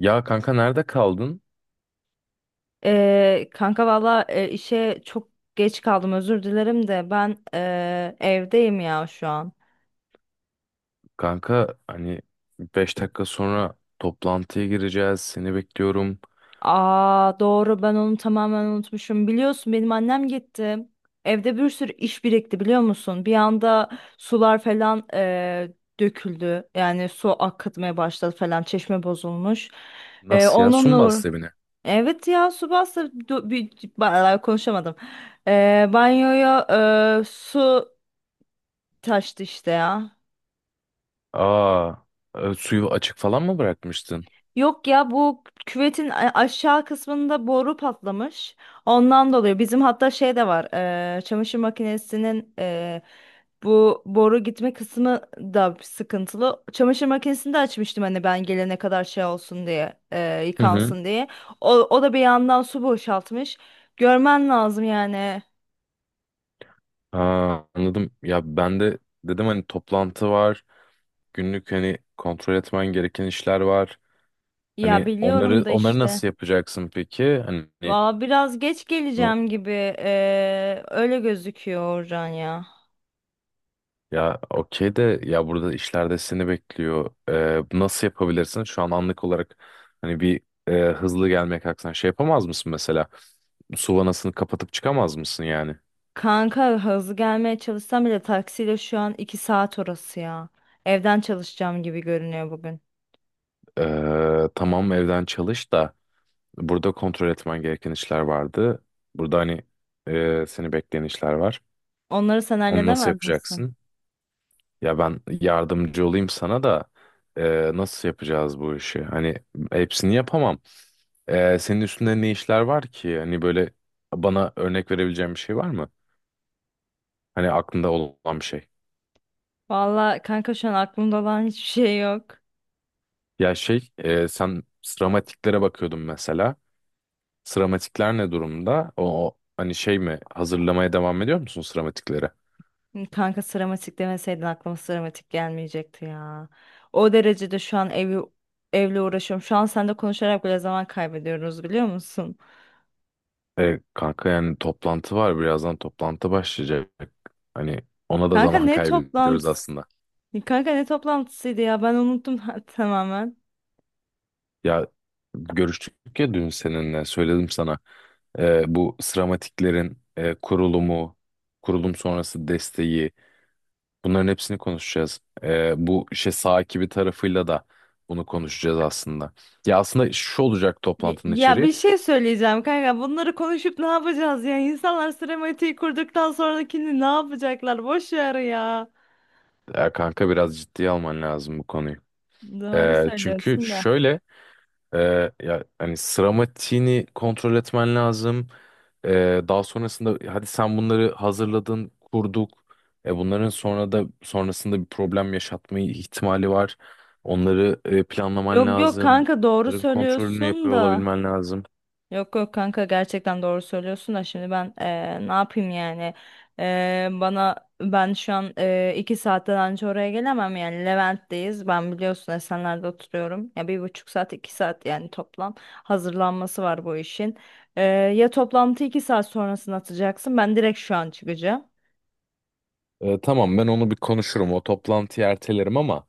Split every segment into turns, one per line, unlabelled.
Ya kanka nerede kaldın?
Kanka valla işe çok geç kaldım, özür dilerim de ben evdeyim ya şu an.
Kanka hani 5 dakika sonra toplantıya gireceğiz. Seni bekliyorum.
Aa doğru, ben onu tamamen unutmuşum. Biliyorsun benim annem gitti. Evde bir sürü iş birikti, biliyor musun? Bir anda sular falan döküldü. Yani su akıtmaya başladı falan, çeşme bozulmuş. E,
Nasıl ya? Su mu
onunla
bastı evine?
Evet ya, su bastı, konuşamadım. Banyoya su taştı işte ya.
Aa, suyu açık falan mı bırakmıştın?
Yok ya, bu küvetin aşağı kısmında boru patlamış. Ondan dolayı bizim hatta şey de var. Çamaşır makinesinin, bu boru gitme kısmı da sıkıntılı. Çamaşır makinesini de açmıştım hani, ben gelene kadar şey olsun diye,
Hı hı.
yıkansın diye. O da bir yandan su boşaltmış. Görmen lazım yani.
Aa, anladım. Ya ben de dedim hani toplantı var. Günlük hani kontrol etmen gereken işler var.
Ya
Hani
biliyorum
onları
da
onları
işte.
nasıl yapacaksın peki? Hani
Valla biraz geç geleceğim gibi. Öyle gözüküyor, Orhan ya.
ya okey de ya burada işlerde seni bekliyor. Bu nasıl yapabilirsin? Şu an anlık olarak hani bir hızlı gelmeye kalksan şey yapamaz mısın mesela? Su vanasını kapatıp çıkamaz mısın yani?
Kanka, hızlı gelmeye çalışsam bile taksiyle şu an 2 saat orası ya. Evden çalışacağım gibi görünüyor bugün.
Tamam, evden çalış da burada kontrol etmen gereken işler vardı. Burada hani seni bekleyen işler var.
Onları sen
Onu nasıl
halledemez misin?
yapacaksın? Ya ben yardımcı olayım sana da nasıl yapacağız bu işi? Hani hepsini yapamam. Senin üstünde ne işler var ki? Hani böyle bana örnek verebileceğin bir şey var mı? Hani aklında olan bir şey.
Valla kanka, şu an aklımda olan hiçbir şey yok.
Ya şey, sen sıramatiklere bakıyordun mesela. Sıramatikler ne durumda? O, o hani şey mi? Hazırlamaya devam ediyor musun sıramatikleri?
Kanka, sıramatik demeseydin aklıma sıramatik gelmeyecekti ya. O derecede şu an evle uğraşıyorum. Şu an seninle konuşarak bile zaman kaybediyoruz, biliyor musun?
Kanka, yani toplantı var. Birazdan toplantı başlayacak. Hani ona da
Kanka,
zaman
ne
kaybediyoruz
toplantısı?
aslında.
Kanka ne toplantısıydı ya, ben unuttum tamamen.
Ya görüştük ya dün, seninle söyledim sana. Bu sıramatiklerin kurulumu, kurulum sonrası desteği, bunların hepsini konuşacağız. Bu işte sahibi tarafıyla da bunu konuşacağız aslında. Ya aslında şu olacak
Ya
toplantının
ya,
içeriği.
bir şey söyleyeceğim kanka. Bunları konuşup ne yapacağız ya? İnsanlar sinematiği kurduktan sonrakini ne yapacaklar? Boş ver ya.
Ya kanka, biraz ciddiye alman lazım bu konuyu.
Doğru
Çünkü
söylüyorsun da.
şöyle. Ya hani, sıramatiğini kontrol etmen lazım. Daha sonrasında hadi sen bunları hazırladın, kurduk. Bunların sonra da sonrasında bir problem yaşatmayı ihtimali var. Onları planlaman
Yok yok
lazım.
kanka, doğru
Bunların kontrolünü
söylüyorsun
yapıyor
da.
olabilmen lazım.
Yok yok kanka, gerçekten doğru söylüyorsun da, şimdi ben ne yapayım yani. Bana Ben şu an iki saatten önce oraya gelemem yani. Levent'teyiz, ben biliyorsun Esenler'de oturuyorum ya, bir buçuk saat iki saat yani toplam hazırlanması var bu işin. Eee, Ya toplantı iki saat sonrasını atacaksın, ben direkt şu an çıkacağım.
Tamam, ben onu bir konuşurum. O toplantıyı ertelerim ama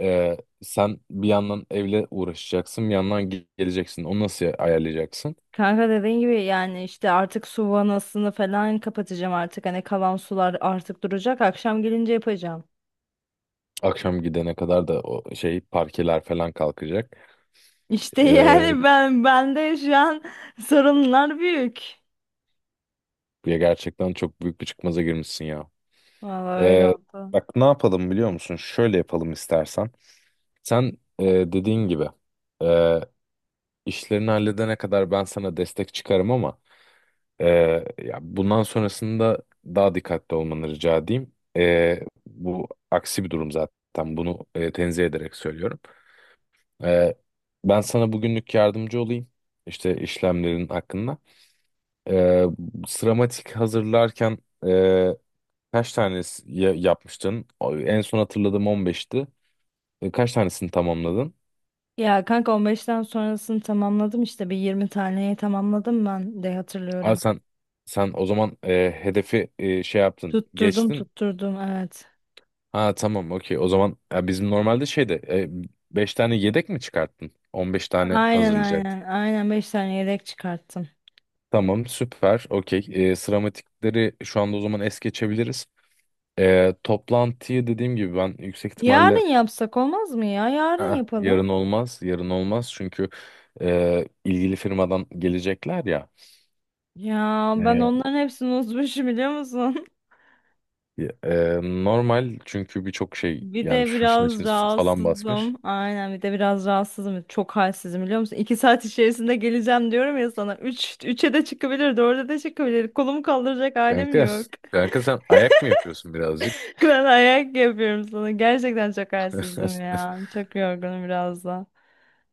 sen bir yandan evle uğraşacaksın, bir yandan geleceksin. Onu nasıl ayarlayacaksın?
Kanka dediğin gibi yani işte, artık su vanasını falan kapatacağım, artık hani kalan sular artık duracak, akşam gelince yapacağım.
Akşam gidene kadar da o şey parkeler falan kalkacak.
İşte
Ee,
yani ben, bende şu an sorunlar büyük.
Ya gerçekten çok büyük bir çıkmaza girmişsin ya.
Vallahi öyle
Ee,
oldu.
Bak, ne yapalım biliyor musun? Şöyle yapalım istersen. Sen dediğin gibi e, işlerini halledene kadar ben sana destek çıkarım ama e, ya bundan sonrasında daha dikkatli olmanı rica edeyim. Bu aksi bir durum zaten. Bunu tenzih ederek söylüyorum. E, Ben sana bugünlük yardımcı olayım. İşte işlemlerin hakkında. E, Sıramatik hazırlarken e, kaç tanesi yapmıştın? En son hatırladığım 15'ti. Kaç tanesini tamamladın?
Ya kanka, 15'ten sonrasını tamamladım işte, bir 20 taneyi tamamladım ben de
Aa,
hatırlıyorum.
sen o zaman hedefi şey yaptın,
Tutturdum
geçtin.
tutturdum, evet.
Ha tamam, okey. O zaman ya, bizim normalde şeyde 5 tane yedek mi çıkarttın? 15 tane
Aynen
hazırlayacaktın.
aynen aynen, 5 tane yedek çıkarttım.
Tamam süper, okey. Sıramatikleri şu anda o zaman es geçebiliriz. Toplantıyı dediğim gibi ben yüksek ihtimalle...
Yarın yapsak olmaz mı ya? Yarın
"Ah,
yapalım.
yarın olmaz, yarın olmaz. Çünkü ilgili firmadan gelecekler ya.
Ya ben
E,
onların hepsini unutmuşum, biliyor musun?
Ya, normal çünkü birçok şey,
Bir
yani
de
şu işin
biraz
içine su falan basmış.
rahatsızım. Aynen, bir de biraz rahatsızım. Çok halsizim, biliyor musun? İki saat içerisinde geleceğim diyorum ya sana. Üç, üçe de çıkabilir, dörde de çıkabilir. Kolumu kaldıracak halim
Kanka,
yok.
kanka sen ayak mı yapıyorsun birazcık?
Ben ayak yapıyorum sana. Gerçekten çok halsizim ya. Çok yorgunum biraz da.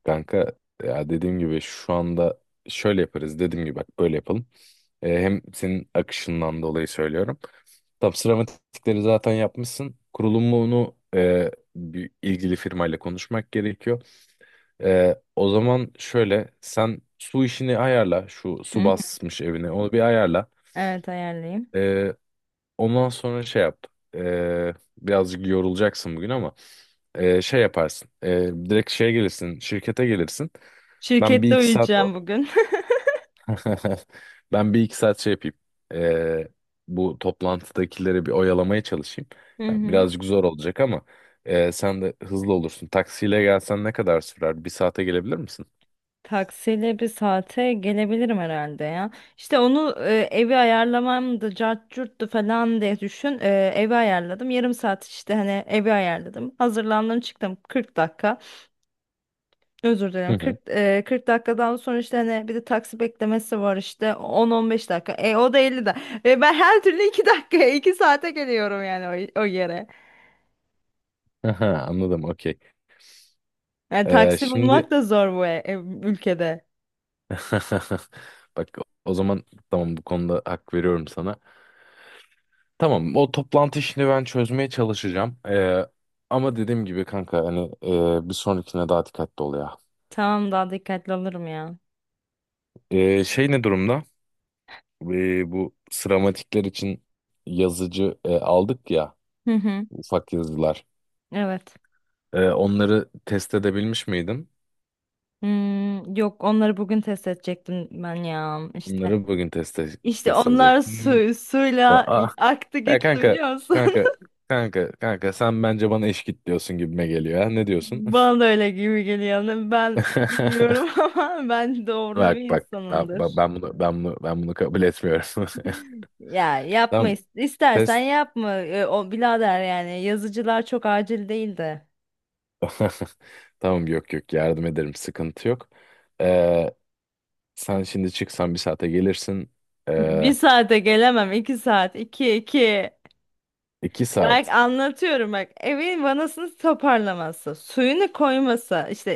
Kanka, ya dediğim gibi şu anda şöyle yaparız, dediğim gibi bak, böyle yapalım. Hem senin akışından dolayı söylüyorum. Tam sıramatikleri zaten yapmışsın. Kurulumunu bir ilgili firmayla konuşmak gerekiyor. O zaman şöyle, sen su işini ayarla, şu
Hı
su
hı.
basmış evine onu bir ayarla.
Evet, ayarlayayım.
Ondan sonra şey yap. Birazcık yorulacaksın bugün ama şey yaparsın. Direkt şeye gelirsin, şirkete gelirsin. Ben bir
Şirkette
iki saat o-
uyuyacağım bugün.
Ben bir iki saat şey yapayım. Ee, Bu toplantıdakileri bir oyalamaya çalışayım.
Hı
Ya,
hı.
birazcık zor olacak ama sen de hızlı olursun. Taksiyle gelsen ne kadar sürer? Bir saate gelebilir misin?
Taksiyle bir saate gelebilirim herhalde ya. İşte onu evi ayarlamam da cart curttu falan diye düşün. E, evi ayarladım. Yarım saat işte hani, evi ayarladım. Hazırlandım, çıktım, 40 dakika. Özür
Hı
dilerim, 40,
hı.
40 dakikadan sonra işte hani bir de taksi beklemesi var, işte 10-15 dakika. E, o da 50 dakika. E, ben her türlü 2 dakikaya 2 saate geliyorum yani o yere.
Aha, anladım, okey.
Yani taksi
Şimdi
bulmak da zor bu ülkede.
bak, o zaman tamam, bu konuda hak veriyorum sana. Tamam, o toplantı işini ben çözmeye çalışacağım. Ama dediğim gibi kanka, hani bir sonrakine daha dikkatli ol ya.
Tamam, daha dikkatli olurum ya.
Şey ne durumda? Bu sıramatikler için yazıcı aldık ya,
Hı hı.
ufak yazılar.
Evet.
Onları test edebilmiş miydin?
Hmm, yok, onları bugün test edecektim ben ya işte.
Onları bugün
İşte
test
onlar
edecektin. Hmm.
suyla
Ah,
aktı
ya
gitti,
kanka,
biliyor musun?
kanka kanka kanka sen bence bana eş git diyorsun gibime geliyor ya. Ne diyorsun?
Bana da öyle gibi geliyor. Ben bilmiyorum ama ben doğrucu
Bak
bir
bak, ben, ben
insanımdır.
ben bunu ben bunu ben bunu kabul etmiyorum.
Ya yapma,
Tamam
istersen
test
yapma. O birader yani, yazıcılar çok acil değil de.
tamam, yok yok, yardım ederim, sıkıntı yok. Ee, Sen şimdi çıksan bir saate gelirsin. Ee,
Bir saate gelemem. İki saat. İki iki.
iki
Bak
saat.
anlatıyorum bak. Evin vanasını toparlaması, suyunu koyması, işte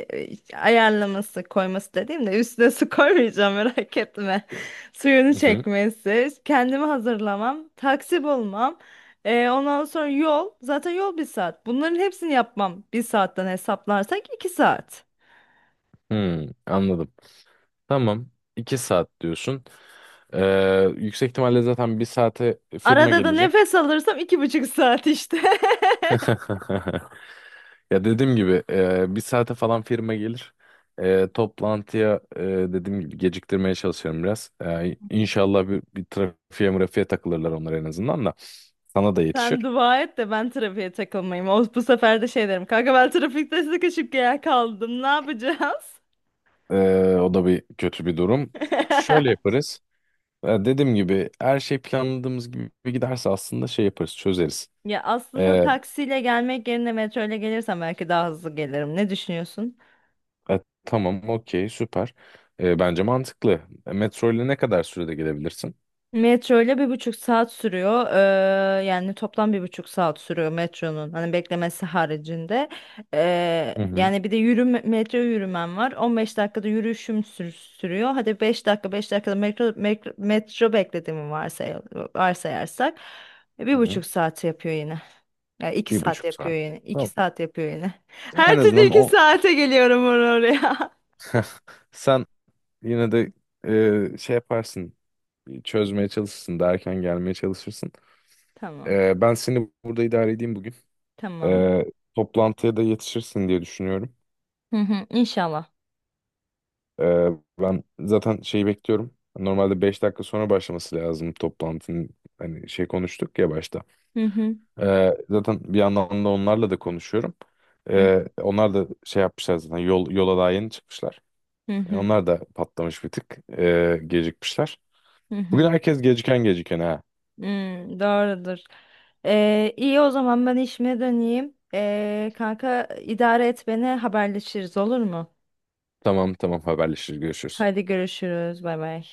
ayarlaması, koyması dediğimde üstüne su koymayacağım, merak etme. Suyunu
Hı hı.
çekmesi, kendimi hazırlamam, taksi bulmam, ondan sonra yol, zaten yol bir saat. Bunların hepsini yapmam bir saatten, hesaplarsak iki saat.
Hmm, anladım. Tamam, 2 saat diyorsun. Yüksek ihtimalle zaten bir saate firma
Arada da
gelecek.
nefes alırsam iki buçuk saat işte.
Ya dediğim gibi bir saate falan firma gelir. Toplantıya dediğim gibi geciktirmeye çalışıyorum biraz. İnşallah bir trafiğe mırafiğe takılırlar onlar, en azından da. Sana da
Sen
yetişir.
dua et de ben trafiğe takılmayayım. O, bu sefer de şey derim: kanka ben trafikte sıkışıp kaldım, ne yapacağız?
O da bir kötü bir durum. Şöyle yaparız. Dediğim gibi her şey planladığımız gibi giderse aslında şey yaparız, çözeriz.
Ya aslında
Ee,
taksiyle gelmek yerine metro ile gelirsem belki daha hızlı gelirim. Ne düşünüyorsun?
e, tamam, okey, süper. Bence mantıklı. Metro ile ne kadar sürede gelebilirsin?
Metro ile bir buçuk saat sürüyor. Yani toplam bir buçuk saat sürüyor metronun. Hani beklemesi haricinde.
Hı hı,
Yani bir de yürüme, metro yürümem var. On beş dakikada sürüyor. Hadi 5 dakika, 5 dakikada metro, metro, metro beklediğimi varsayarsak, bir
hı hı.
buçuk saat yapıyor yine. Yani iki
Bir
saat
buçuk
yapıyor
saat.
yine. İki
Tamam.
saat yapıyor yine.
En
Her türlü
azından
iki
o,
saate geliyorum oraya.
sen yine de şey yaparsın, çözmeye çalışırsın, daha erken gelmeye çalışırsın.
Tamam.
Ben seni burada idare edeyim bugün.
Tamam.
Ee, Toplantıya da yetişirsin diye düşünüyorum.
Hı hı, İnşallah.
Ee, Ben zaten şeyi bekliyorum. Normalde 5 dakika sonra başlaması lazım toplantının. Hani şey konuştuk ya başta.
Hı hı.
Zaten bir yandan da onlarla da konuşuyorum.
Hı
Onlar da şey yapmışlar zaten. Yola daha yeni çıkmışlar.
hı.
Onlar da patlamış bir tık. Gecikmişler.
Hı hı.
Bugün herkes geciken geciken ha.
Hmm, doğrudur. İyi o zaman, ben işime döneyim. Kanka idare et beni, haberleşiriz olur mu?
Tamam tamam, haberleşiriz, görüşürüz.
Hadi görüşürüz. Bay bay.